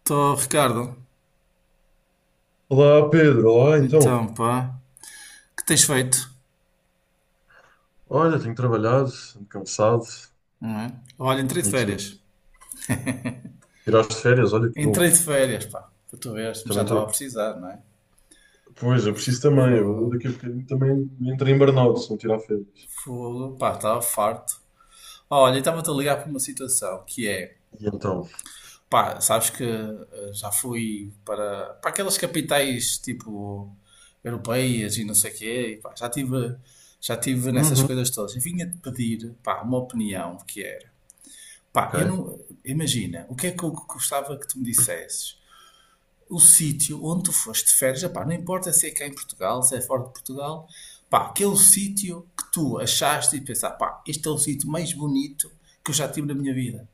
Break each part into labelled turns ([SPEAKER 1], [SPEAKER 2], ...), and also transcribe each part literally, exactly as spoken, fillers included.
[SPEAKER 1] Estou, Ricardo.
[SPEAKER 2] Olá Pedro, olá então.
[SPEAKER 1] Então, pá, o que tens feito?
[SPEAKER 2] Olha, tenho trabalhado, ando cansado.
[SPEAKER 1] Olha, entrei de
[SPEAKER 2] E tu
[SPEAKER 1] férias.
[SPEAKER 2] tiraste férias, olha que bom.
[SPEAKER 1] Entrei de férias, pá, para tu veres, mas já
[SPEAKER 2] Também
[SPEAKER 1] estava a
[SPEAKER 2] estou.
[SPEAKER 1] precisar, não é?
[SPEAKER 2] Pois, eu preciso também. Eu
[SPEAKER 1] Fogo,
[SPEAKER 2] daqui a bocadinho também entro em burnout se não tirar férias.
[SPEAKER 1] fogo, pá, estava farto. Olha, estava-te a ligar para uma situação que é,
[SPEAKER 2] E então?
[SPEAKER 1] pá, sabes que eh, já fui para, para aquelas capitais tipo europeias e não sei o quê, e, pá, já tive, já tive nessas
[SPEAKER 2] Uhum.
[SPEAKER 1] coisas todas. E vinha-te pedir, pá, uma opinião que era. Pá, eu
[SPEAKER 2] Ok.
[SPEAKER 1] não, imagina, o que é que eu gostava que tu me dissesses? O sítio onde tu foste de férias, epá, não importa se é cá em Portugal, se é fora de Portugal, pá, aquele sítio que tu achaste e pensar, pá, este é o sítio mais bonito que eu já tive na minha vida.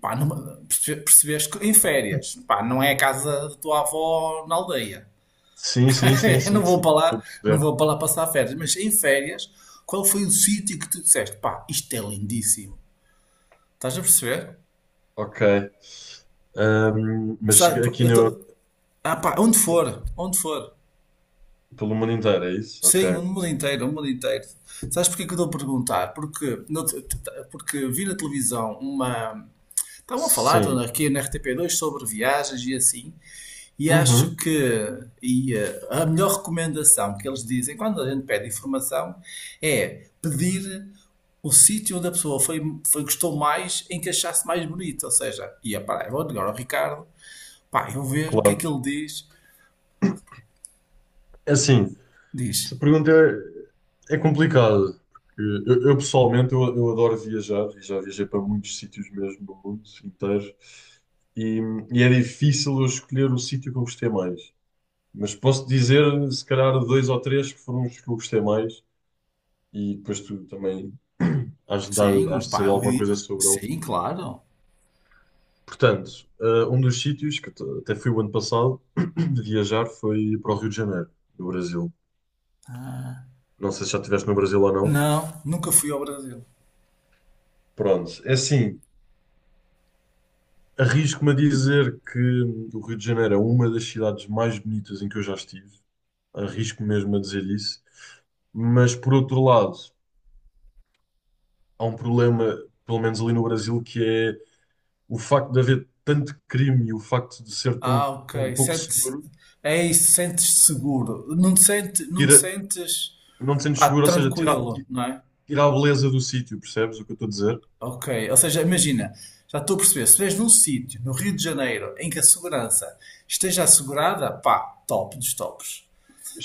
[SPEAKER 1] Pá, numa- perce- percebeste que em férias, pá, não é a casa da tua avó na aldeia.
[SPEAKER 2] Sim, sim, sim,
[SPEAKER 1] Eu não
[SPEAKER 2] sim,
[SPEAKER 1] vou
[SPEAKER 2] sim.
[SPEAKER 1] para
[SPEAKER 2] Estou a
[SPEAKER 1] lá, não
[SPEAKER 2] perceber.
[SPEAKER 1] vou para lá passar férias, mas em férias, qual foi o sítio que tu disseste, pá, isto é lindíssimo. Estás a perceber?
[SPEAKER 2] Ok. Ahm, mas
[SPEAKER 1] Sabe,
[SPEAKER 2] aqui
[SPEAKER 1] eu
[SPEAKER 2] no...
[SPEAKER 1] tô, ah, pá, onde for, onde for.
[SPEAKER 2] Pelo mundo inteiro, é isso?
[SPEAKER 1] Sim,
[SPEAKER 2] Ok.
[SPEAKER 1] o mundo inteiro, o mundo inteiro. Sabes porquê que eu estou a perguntar? Porque, no- t- t- porque vi na televisão uma. Estavam a falar
[SPEAKER 2] Sim.
[SPEAKER 1] aqui na R T P dois sobre viagens e assim, e acho
[SPEAKER 2] Uhum.
[SPEAKER 1] que e, eh, a melhor recomendação que eles dizem quando a gente pede informação é pedir o sítio onde a pessoa foi, foi- gostou mais em que achasse mais bonito. Ou seja, ia para eu vou ligar ao Ricardo, pá, eu vou ver o que é
[SPEAKER 2] Claro.
[SPEAKER 1] que ele diz.
[SPEAKER 2] É assim.
[SPEAKER 1] Diz,
[SPEAKER 2] Essa pergunta é, é complicada, porque eu, eu, pessoalmente eu, eu adoro viajar e já viajei para muitos sítios mesmo no mundo inteiro e, e é difícil eu escolher o sítio que eu gostei mais. Mas posso dizer, se calhar, dois ou três que foram os que eu gostei mais e depois tu também has de, dar,
[SPEAKER 1] sim,
[SPEAKER 2] has de
[SPEAKER 1] pá,
[SPEAKER 2] saber
[SPEAKER 1] eu,
[SPEAKER 2] alguma
[SPEAKER 1] di-
[SPEAKER 2] coisa sobre eles.
[SPEAKER 1] sim, claro.
[SPEAKER 2] Portanto, eh, um dos sítios que t- até fui o ano passado de viajar foi para o Rio de Janeiro, no Brasil. Não sei se já estiveste no Brasil ou não.
[SPEAKER 1] Não, nunca fui ao Brasil.
[SPEAKER 2] Pronto, é assim. Arrisco-me a dizer que o Rio de Janeiro é uma das cidades mais bonitas em que eu já estive. Arrisco mesmo a dizer isso. Mas, por outro lado, há um problema, pelo menos ali no Brasil, que é o facto de haver tanto crime e o facto de ser tão
[SPEAKER 1] Ah,
[SPEAKER 2] um
[SPEAKER 1] ok.
[SPEAKER 2] pouco
[SPEAKER 1] Sentes,
[SPEAKER 2] seguro,
[SPEAKER 1] é isso, sentes-te seguro. Não te sentes, não te
[SPEAKER 2] tira,
[SPEAKER 1] sentes,
[SPEAKER 2] não te sentes
[SPEAKER 1] pá,
[SPEAKER 2] seguro, ou seja, tira,
[SPEAKER 1] tranquilo,
[SPEAKER 2] ti-
[SPEAKER 1] não é?
[SPEAKER 2] tira a beleza do sítio, percebes o que eu estou a dizer?
[SPEAKER 1] Ok. Ou seja, imagina, já estou a perceber, se vês num sítio, no Rio de Janeiro, em que a segurança esteja assegurada, pá, top dos tops.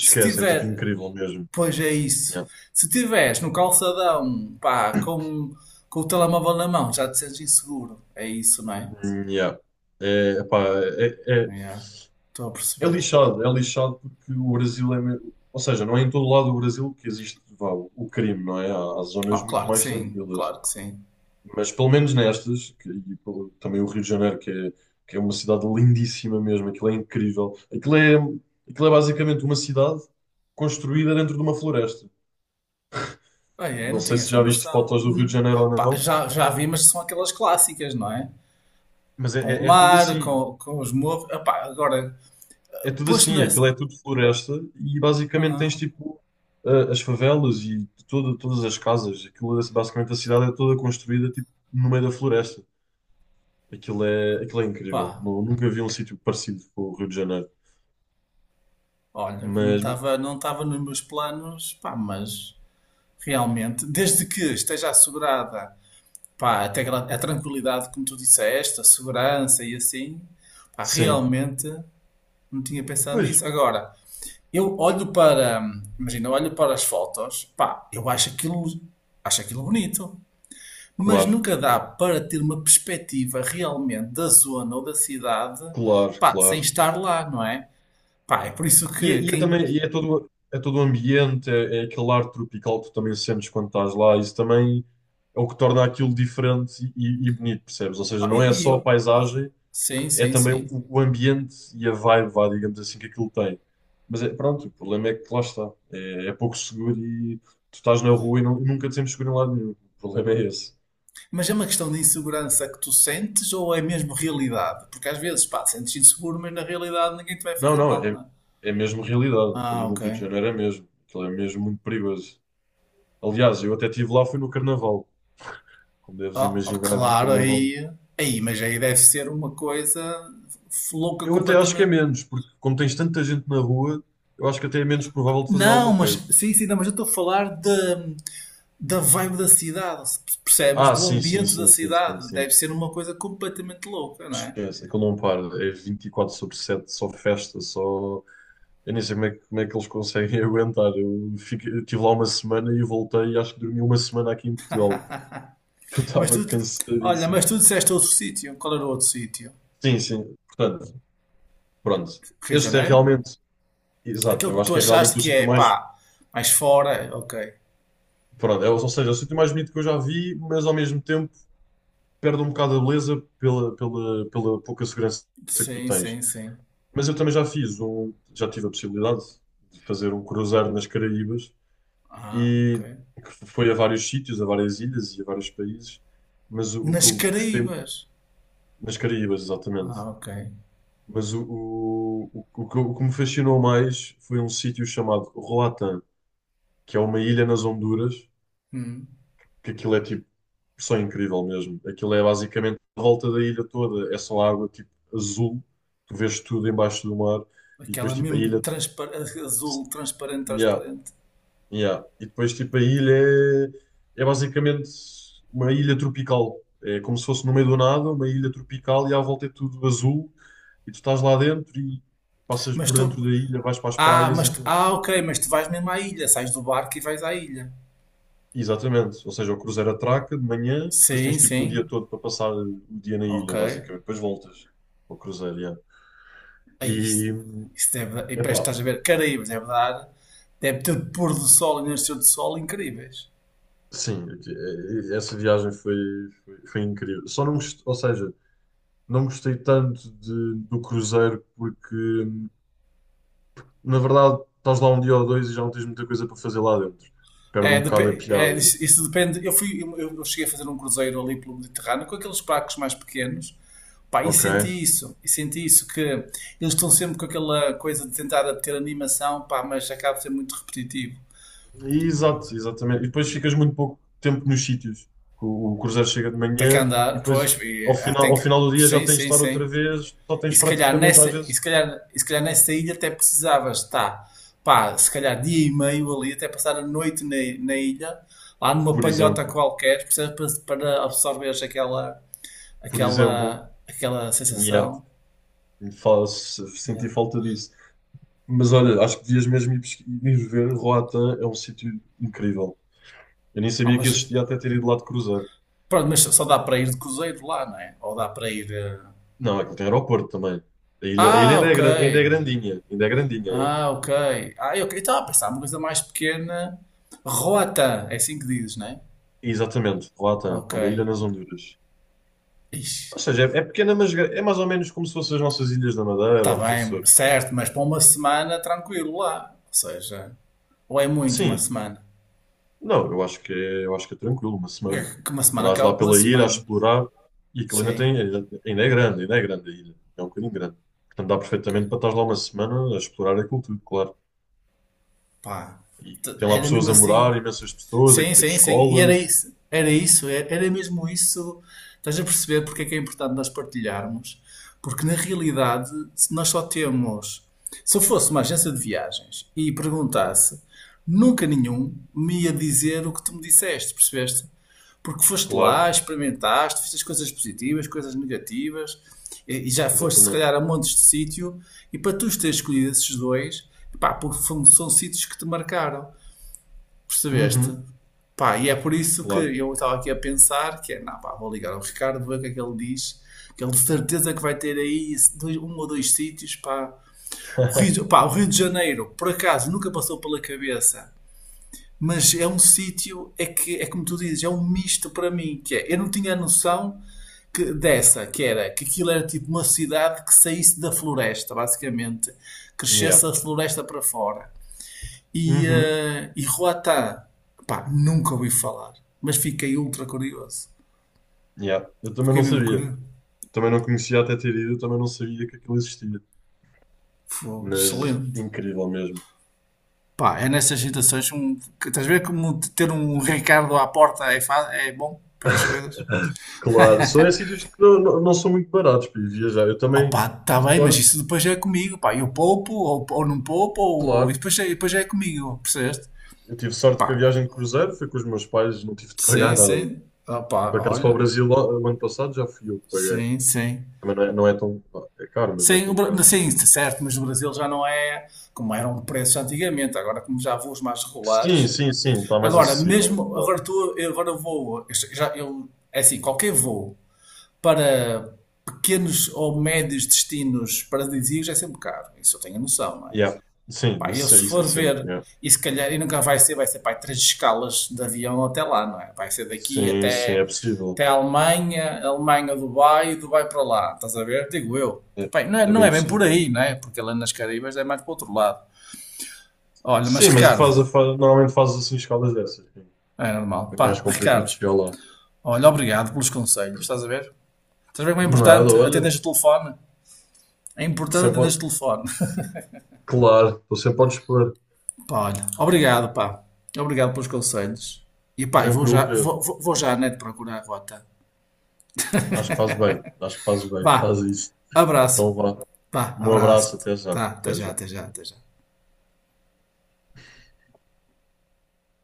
[SPEAKER 1] Se
[SPEAKER 2] é tipo
[SPEAKER 1] tiver,
[SPEAKER 2] incrível mesmo.
[SPEAKER 1] pois é isso.
[SPEAKER 2] Yeah.
[SPEAKER 1] Se tiveres no calçadão, pá, com, com o telemóvel na mão, já te sentes inseguro. É isso, não é?
[SPEAKER 2] Yeah. É, epá, é, é,
[SPEAKER 1] Yeah, Estou a
[SPEAKER 2] É
[SPEAKER 1] perceber.
[SPEAKER 2] lixado, é lixado porque o Brasil é. me- Ou seja, não é em todo lado do Brasil que existe, vá, o o crime, não é? Há, há zonas
[SPEAKER 1] Ah,
[SPEAKER 2] muito
[SPEAKER 1] claro que
[SPEAKER 2] mais
[SPEAKER 1] sim,
[SPEAKER 2] tranquilas.
[SPEAKER 1] claro que sim.
[SPEAKER 2] Mas pelo menos nestas, que- e pelo- também o Rio de Janeiro, que é, que é uma cidade lindíssima mesmo, aquilo é incrível. Aquilo é, aquilo é basicamente uma cidade construída dentro de uma floresta.
[SPEAKER 1] Bem, é,
[SPEAKER 2] Não
[SPEAKER 1] não
[SPEAKER 2] sei
[SPEAKER 1] tinha
[SPEAKER 2] se
[SPEAKER 1] essa
[SPEAKER 2] já viste
[SPEAKER 1] noção.
[SPEAKER 2] fotos do Rio de
[SPEAKER 1] Hum.
[SPEAKER 2] Janeiro ou
[SPEAKER 1] Pá,
[SPEAKER 2] não,
[SPEAKER 1] já, já vi, mas são aquelas clássicas, não é?
[SPEAKER 2] mas é,
[SPEAKER 1] Com o
[SPEAKER 2] é- é tudo
[SPEAKER 1] mar,
[SPEAKER 2] assim.
[SPEAKER 1] com, com os morros. Ah, pá, agora,
[SPEAKER 2] É tudo
[SPEAKER 1] posto
[SPEAKER 2] assim, aquilo é
[SPEAKER 1] nessa.
[SPEAKER 2] tudo floresta e basicamente tens
[SPEAKER 1] Ah,
[SPEAKER 2] tipo a- as favelas e todo, todas as casas. Aquilo, é- basicamente a cidade é toda construída tipo no meio da floresta. Aquilo é, aquilo é incrível.
[SPEAKER 1] pá,
[SPEAKER 2] Nu- nunca vi um sítio parecido com o Rio de Janeiro.
[SPEAKER 1] olha, que não
[SPEAKER 2] Mas
[SPEAKER 1] estava não estava nos meus planos, pá, mas realmente, desde que esteja assegurada, pá, até aquela- a tranquilidade, como tu disseste, a segurança e assim, pá,
[SPEAKER 2] sim,
[SPEAKER 1] realmente não tinha pensado
[SPEAKER 2] pois,
[SPEAKER 1] nisso. Agora. Eu olho para, imagina, eu olho para as fotos, pá, eu acho aquilo, acho aquilo bonito, mas
[SPEAKER 2] claro,
[SPEAKER 1] nunca dá para ter uma perspectiva realmente da zona ou da cidade,
[SPEAKER 2] claro,
[SPEAKER 1] pá, sem
[SPEAKER 2] claro.
[SPEAKER 1] estar lá, não é? Pá, é por isso
[SPEAKER 2] E, é-
[SPEAKER 1] que
[SPEAKER 2] e é
[SPEAKER 1] quem.
[SPEAKER 2] também e é todo, é todo o ambiente, é, é aquele ar tropical que tu também sentes quando estás lá. Isso também é o que torna aquilo diferente e, e bonito, percebes? Ou seja,
[SPEAKER 1] Ah,
[SPEAKER 2] não é
[SPEAKER 1] e- e-
[SPEAKER 2] só a paisagem,
[SPEAKER 1] sim,
[SPEAKER 2] é
[SPEAKER 1] sim,
[SPEAKER 2] também o,
[SPEAKER 1] sim.
[SPEAKER 2] o ambiente e a vibe, vá, digamos assim, que aquilo tem. Mas é, pronto, o problema é que lá está. É, é pouco seguro e tu estás na rua e não- nunca te sentes seguro em lado nenhum. O problema é esse.
[SPEAKER 1] Mas é uma questão de insegurança que tu sentes ou é mesmo realidade? Porque às vezes, pá, sentes inseguro, mas na realidade ninguém te vai
[SPEAKER 2] Não,
[SPEAKER 1] fazer
[SPEAKER 2] não,
[SPEAKER 1] mal, não
[SPEAKER 2] é,
[SPEAKER 1] é?
[SPEAKER 2] é mesmo realidade.
[SPEAKER 1] Ah,
[SPEAKER 2] Ali no
[SPEAKER 1] ok.
[SPEAKER 2] Rio de Janeiro é mesmo. Aquilo é mesmo muito perigoso. Aliás, eu até estive lá, foi no Carnaval. Como deves
[SPEAKER 1] Oh, oh,
[SPEAKER 2] imaginar, no
[SPEAKER 1] claro,
[SPEAKER 2] Carnaval.
[SPEAKER 1] aí, aí, mas aí deve ser uma coisa f- louca
[SPEAKER 2] Eu até acho que é
[SPEAKER 1] completamente.
[SPEAKER 2] menos, porque como tens tanta gente na rua, eu acho que até é menos provável de fazer
[SPEAKER 1] Não,
[SPEAKER 2] alguma
[SPEAKER 1] mas
[SPEAKER 2] coisa.
[SPEAKER 1] sim, sim, não, mas eu estou a falar de, da vibe da cidade, se percebes?
[SPEAKER 2] Ah,
[SPEAKER 1] Do
[SPEAKER 2] sim, sim,
[SPEAKER 1] ambiente da
[SPEAKER 2] sim, sim, sim,
[SPEAKER 1] cidade.
[SPEAKER 2] sim.
[SPEAKER 1] Deve ser uma coisa completamente louca, não é?
[SPEAKER 2] Esquece, aquilo não para. É vinte e quatro sobre sete só festa, só. Eu nem sei como é, que como é que eles conseguem aguentar. Eu fiquei, eu estive lá uma semana e voltei e acho que dormi uma semana aqui em Portugal. Eu
[SPEAKER 1] Mas
[SPEAKER 2] estava
[SPEAKER 1] tu, olha,
[SPEAKER 2] cansadíssimo.
[SPEAKER 1] mas tu- disseste outro sítio. Qual era o outro sítio?
[SPEAKER 2] Sim, sim. Portanto, pronto.
[SPEAKER 1] Rio de
[SPEAKER 2] Este é
[SPEAKER 1] Janeiro?
[SPEAKER 2] realmente. Exato,
[SPEAKER 1] Aquele
[SPEAKER 2] eu
[SPEAKER 1] que
[SPEAKER 2] acho
[SPEAKER 1] tu
[SPEAKER 2] que é
[SPEAKER 1] achaste
[SPEAKER 2] realmente o
[SPEAKER 1] que é,
[SPEAKER 2] sítio
[SPEAKER 1] pá,
[SPEAKER 2] mais.
[SPEAKER 1] mais fora, ok.
[SPEAKER 2] Pronto, é, ou seja, é o sítio mais bonito que eu já vi, mas ao mesmo tempo perde um bocado a beleza pela, pela, pela pouca segurança que tu
[SPEAKER 1] Sim,
[SPEAKER 2] tens.
[SPEAKER 1] sim, sim.
[SPEAKER 2] Mas eu também já fiz um. Já tive a possibilidade de fazer um cruzeiro nas Caraíbas.
[SPEAKER 1] Ah, ok.
[SPEAKER 2] E que foi a vários sítios, a várias ilhas e a vários países, mas o, o que
[SPEAKER 1] Nas
[SPEAKER 2] eu gostei
[SPEAKER 1] Caraíbas.
[SPEAKER 2] nas Caraíbas, exatamente.
[SPEAKER 1] Ah, ok.
[SPEAKER 2] Mas o, o, o, o que o que me fascinou mais foi um sítio chamado Roatán, que é uma ilha nas Honduras,
[SPEAKER 1] Hum.
[SPEAKER 2] que aquilo é tipo só incrível mesmo. Aquilo é basicamente a volta da ilha toda, é só água tipo azul, tu vês tudo embaixo do mar e
[SPEAKER 1] Aquela
[SPEAKER 2] depois tipo a
[SPEAKER 1] mesmo
[SPEAKER 2] ilha
[SPEAKER 1] transpar azul, transparente,
[SPEAKER 2] yeah,
[SPEAKER 1] transparente.
[SPEAKER 2] Yeah. E depois, tipo, a ilha é, é basicamente uma ilha tropical. É como se fosse no meio do nada, uma ilha tropical e à volta é tudo azul. E tu estás lá dentro e passas
[SPEAKER 1] Mas
[SPEAKER 2] por dentro
[SPEAKER 1] tu.
[SPEAKER 2] da ilha, vais para as
[SPEAKER 1] Ah,
[SPEAKER 2] praias e
[SPEAKER 1] mas tu-
[SPEAKER 2] aquilo.
[SPEAKER 1] ah, ok, mas tu vais mesmo à ilha, sais do barco e vais à ilha.
[SPEAKER 2] Exatamente. Ou seja, o cruzeiro atraca de manhã e depois tens
[SPEAKER 1] Sim,
[SPEAKER 2] tipo o dia
[SPEAKER 1] sim.
[SPEAKER 2] todo para passar o dia na
[SPEAKER 1] Ok.
[SPEAKER 2] ilha, basicamente. Depois voltas ao cruzeiro, yeah.
[SPEAKER 1] Aí, isso
[SPEAKER 2] E,
[SPEAKER 1] isso deve. E parece que
[SPEAKER 2] epá,
[SPEAKER 1] estás a ver Caraíbas, deve dar. Deve ter pôr do sol e nascer do sol incríveis.
[SPEAKER 2] sim, aqui- eh, essa viagem foi, foi, foi, incrível. Só não, gost- ou seja, Não gostei tanto de- do cruzeiro porque, na verdade, estás lá um dia ou dois e já não tens muita coisa para fazer lá dentro. Perde
[SPEAKER 1] É,
[SPEAKER 2] um bocado a
[SPEAKER 1] depe- é,
[SPEAKER 2] piada.
[SPEAKER 1] isso isso depende. Eu fui, eu, eu cheguei a fazer um cruzeiro ali pelo Mediterrâneo com aqueles barcos mais pequenos, pá, e
[SPEAKER 2] Ok.
[SPEAKER 1] senti isso, e senti isso que eles estão sempre com aquela coisa de tentar ter animação, pá, mas acaba de ser muito repetitivo.
[SPEAKER 2] E, exato, exatamente. E depois ficas muito pouco tempo nos sítios. O, o cruzeiro chega de
[SPEAKER 1] Tem que
[SPEAKER 2] manhã e
[SPEAKER 1] andar,
[SPEAKER 2] depois,
[SPEAKER 1] pois,
[SPEAKER 2] ao
[SPEAKER 1] e, ah,
[SPEAKER 2] final,
[SPEAKER 1] tem
[SPEAKER 2] ao
[SPEAKER 1] que,
[SPEAKER 2] final do dia, já
[SPEAKER 1] sim,
[SPEAKER 2] tens de
[SPEAKER 1] sim,
[SPEAKER 2] estar outra
[SPEAKER 1] sim.
[SPEAKER 2] vez. Só
[SPEAKER 1] E
[SPEAKER 2] tens
[SPEAKER 1] se calhar
[SPEAKER 2] praticamente,
[SPEAKER 1] nessa,
[SPEAKER 2] às
[SPEAKER 1] e se
[SPEAKER 2] vezes,
[SPEAKER 1] calhar, e se calhar nessa ilha até precisavas estar, pá, se calhar dia e meio ali, até passar a noite na, na ilha, lá numa
[SPEAKER 2] por
[SPEAKER 1] palhota
[SPEAKER 2] exemplo,
[SPEAKER 1] qualquer, percebes? Para, para absorveres aquela
[SPEAKER 2] por exemplo,
[SPEAKER 1] aquela, aquela
[SPEAKER 2] yeah,
[SPEAKER 1] sensação.
[SPEAKER 2] fa- se-
[SPEAKER 1] Yeah.
[SPEAKER 2] senti falta disso. Mas olha, acho que devias mesmo ir pesqui- ir ver. Roatã é um sítio incrível. Eu nem
[SPEAKER 1] Há
[SPEAKER 2] sabia que
[SPEAKER 1] umas-
[SPEAKER 2] existia até ter ido lá de cruzeiro.
[SPEAKER 1] Pronto, mas só dá para ir de cruzeiro lá, não é? Ou dá para ir. eh,
[SPEAKER 2] Não, aquilo tem aeroporto também. A ilha, a ilha
[SPEAKER 1] Ah,
[SPEAKER 2] ainda é,
[SPEAKER 1] ok.
[SPEAKER 2] gra- ainda é grandinha. Ainda é grandinha a ilha.
[SPEAKER 1] Ah, ok. Ah, ok. Estava a pensar uma coisa mais pequena. Rota, é assim que dizes, não é?
[SPEAKER 2] Exatamente, Roatán.
[SPEAKER 1] Ok.
[SPEAKER 2] É uma ilha nas Honduras.
[SPEAKER 1] Ixi,
[SPEAKER 2] Ou seja, é, é pequena, mas gra- é mais ou menos como se fossem as nossas ilhas da Madeira
[SPEAKER 1] está
[SPEAKER 2] ou dos
[SPEAKER 1] bem,
[SPEAKER 2] Açores.
[SPEAKER 1] certo, mas para uma semana tranquilo lá. Ou seja, ou é muito uma
[SPEAKER 2] Sim.
[SPEAKER 1] semana?
[SPEAKER 2] Não, eu acho que é, eu acho que é tranquilo, uma semana.
[SPEAKER 1] É Que uma semana
[SPEAKER 2] Andas
[SPEAKER 1] acaba
[SPEAKER 2] lá
[SPEAKER 1] com uma
[SPEAKER 2] pela ilha a
[SPEAKER 1] semana.
[SPEAKER 2] explorar e aquilo ainda tem,
[SPEAKER 1] Sim,
[SPEAKER 2] ainda ainda é grande, ainda é grande a ilha. É um bocadinho grande. Portanto, dá
[SPEAKER 1] ok.
[SPEAKER 2] perfeitamente para estar lá uma semana a explorar aquilo tudo, claro.
[SPEAKER 1] Pá,
[SPEAKER 2] E
[SPEAKER 1] t-
[SPEAKER 2] tem lá
[SPEAKER 1] era mesmo
[SPEAKER 2] pessoas a
[SPEAKER 1] assim.
[SPEAKER 2] morar, imensas pessoas,
[SPEAKER 1] Sim,
[SPEAKER 2] aquilo tem
[SPEAKER 1] sim, sim. E era
[SPEAKER 2] escolas.
[SPEAKER 1] isso, era isso, era era mesmo isso. Estás a perceber porque é que é importante nós partilharmos? Porque na realidade se nós só temos. Se eu fosse uma agência de viagens e perguntasse, nunca nenhum me ia dizer o que tu me disseste, percebeste? Porque foste
[SPEAKER 2] Claro,
[SPEAKER 1] lá, experimentaste, fizeste coisas positivas, coisas negativas, e e já foste se
[SPEAKER 2] exatamente.
[SPEAKER 1] calhar a montes de sítio, e para tu teres escolhido esses dois, pá, porque foram- são sítios que te marcaram. Percebeste?
[SPEAKER 2] Uhum,
[SPEAKER 1] Pá, e é por isso que
[SPEAKER 2] claro.
[SPEAKER 1] eu estava aqui a pensar que é, não, pá, vou ligar ao Ricardo, ver o que é que ele diz, que ele de certeza que vai ter aí esse dois- um ou dois sítios, pá. O Rio, de- pá, o Rio de Janeiro, por acaso, nunca passou pela cabeça, mas é um sítio, é que, é como tu dizes, é um misto para mim, que é, eu não tinha a noção que, dessa, que era, que aquilo era tipo uma cidade que saísse da floresta, basicamente,
[SPEAKER 2] Yeah,
[SPEAKER 1] crescesse a floresta para fora. E,
[SPEAKER 2] uhum,
[SPEAKER 1] eh, e Ruatá, pá, nunca ouvi falar, mas fiquei ultra curioso.
[SPEAKER 2] yeah. Eu também
[SPEAKER 1] Fiquei
[SPEAKER 2] não
[SPEAKER 1] mesmo
[SPEAKER 2] sabia.
[SPEAKER 1] curioso.
[SPEAKER 2] Eu também não conhecia até ter ido, eu também não sabia que aquilo existia.
[SPEAKER 1] Foi
[SPEAKER 2] Mas
[SPEAKER 1] excelente.
[SPEAKER 2] incrível mesmo.
[SPEAKER 1] Pá, é nessas situações um, que estás a ver como ter um Ricardo à porta é, fa- é bom para estas coisas?
[SPEAKER 2] Claro, só em sítios que não, não, não são muito baratos para ir viajar. Eu também
[SPEAKER 1] Opa, está
[SPEAKER 2] tive
[SPEAKER 1] bem, mas
[SPEAKER 2] sorte,
[SPEAKER 1] isso depois é comigo, pá, eu poupo ou, ou não poupo ou, e
[SPEAKER 2] claro.
[SPEAKER 1] depois, é- depois é comigo, percebeste?
[SPEAKER 2] Eu tive sorte que a
[SPEAKER 1] Pá,
[SPEAKER 2] viagem de cruzeiro foi com os meus pais, não tive de
[SPEAKER 1] sim,
[SPEAKER 2] pagar nada.
[SPEAKER 1] sim, opa,
[SPEAKER 2] Por acaso para o
[SPEAKER 1] olha,
[SPEAKER 2] Brasil, lá, o ano passado, já fui eu que paguei.
[SPEAKER 1] sim, sim.
[SPEAKER 2] Também não é, não é tão. É caro, mas não é
[SPEAKER 1] Sim, o
[SPEAKER 2] tão caro.
[SPEAKER 1] Bra- sim, certo, mas no Brasil já não é como eram preços antigamente, agora como já há voos mais
[SPEAKER 2] Sim,
[SPEAKER 1] regulares.
[SPEAKER 2] sim, sim, está mais
[SPEAKER 1] Agora,
[SPEAKER 2] acessível, é
[SPEAKER 1] mesmo,
[SPEAKER 2] verdade.
[SPEAKER 1] agora tu, eu agora vou, eu já, eu, é assim, qualquer voo para pequenos ou médios destinos paradisíacos é sempre caro, isso eu tenho a noção, não é?
[SPEAKER 2] Yeah. Sim,
[SPEAKER 1] Pá, eu
[SPEAKER 2] isso,
[SPEAKER 1] se
[SPEAKER 2] isso é
[SPEAKER 1] for ver,
[SPEAKER 2] sempre. É.
[SPEAKER 1] e se calhar, e nunca vai ser, vai ser, pá, três escalas de avião até lá, não é? Vai ser daqui
[SPEAKER 2] Sim, sim, é
[SPEAKER 1] até,
[SPEAKER 2] possível.
[SPEAKER 1] até a Alemanha, Alemanha, Dubai, Dubai para lá, estás a ver? Digo eu.
[SPEAKER 2] É,
[SPEAKER 1] Bem, não é,
[SPEAKER 2] é
[SPEAKER 1] não
[SPEAKER 2] bem
[SPEAKER 1] é bem por
[SPEAKER 2] possível.
[SPEAKER 1] aí, não é? Porque lá nas Caribas é mais para o outro lado. Olha, mas
[SPEAKER 2] Sim, mas
[SPEAKER 1] Ricardo,
[SPEAKER 2] faz, a- faz- normalmente fazes assim escalas dessas.
[SPEAKER 1] é normal.
[SPEAKER 2] É mais
[SPEAKER 1] Pá,
[SPEAKER 2] complicado
[SPEAKER 1] Ricardo,
[SPEAKER 2] chegar lá.
[SPEAKER 1] olha, obrigado pelos conselhos, estás a ver? Estás a ver como é
[SPEAKER 2] Nada,
[SPEAKER 1] importante
[SPEAKER 2] olha.
[SPEAKER 1] atenderes o telefone? É importante
[SPEAKER 2] Sempre, ao-
[SPEAKER 1] atenderes o telefone.
[SPEAKER 2] claro, estou sempre a dispor.
[SPEAKER 1] Pá, olha, obrigado, pá. Obrigado pelos conselhos. E pá, e vou
[SPEAKER 2] Tranquilo,
[SPEAKER 1] já, vou,
[SPEAKER 2] Pedro.
[SPEAKER 1] vou vou já, né, de procurar a rota.
[SPEAKER 2] Acho que fazes bem. Acho que fazes bem. Faz
[SPEAKER 1] Vá,
[SPEAKER 2] isso.
[SPEAKER 1] abraço.
[SPEAKER 2] Então vá.
[SPEAKER 1] Vá,
[SPEAKER 2] Um
[SPEAKER 1] abraço.
[SPEAKER 2] abraço, até já.
[SPEAKER 1] Tá, tá
[SPEAKER 2] Até
[SPEAKER 1] já,
[SPEAKER 2] já.
[SPEAKER 1] tá já, tá já.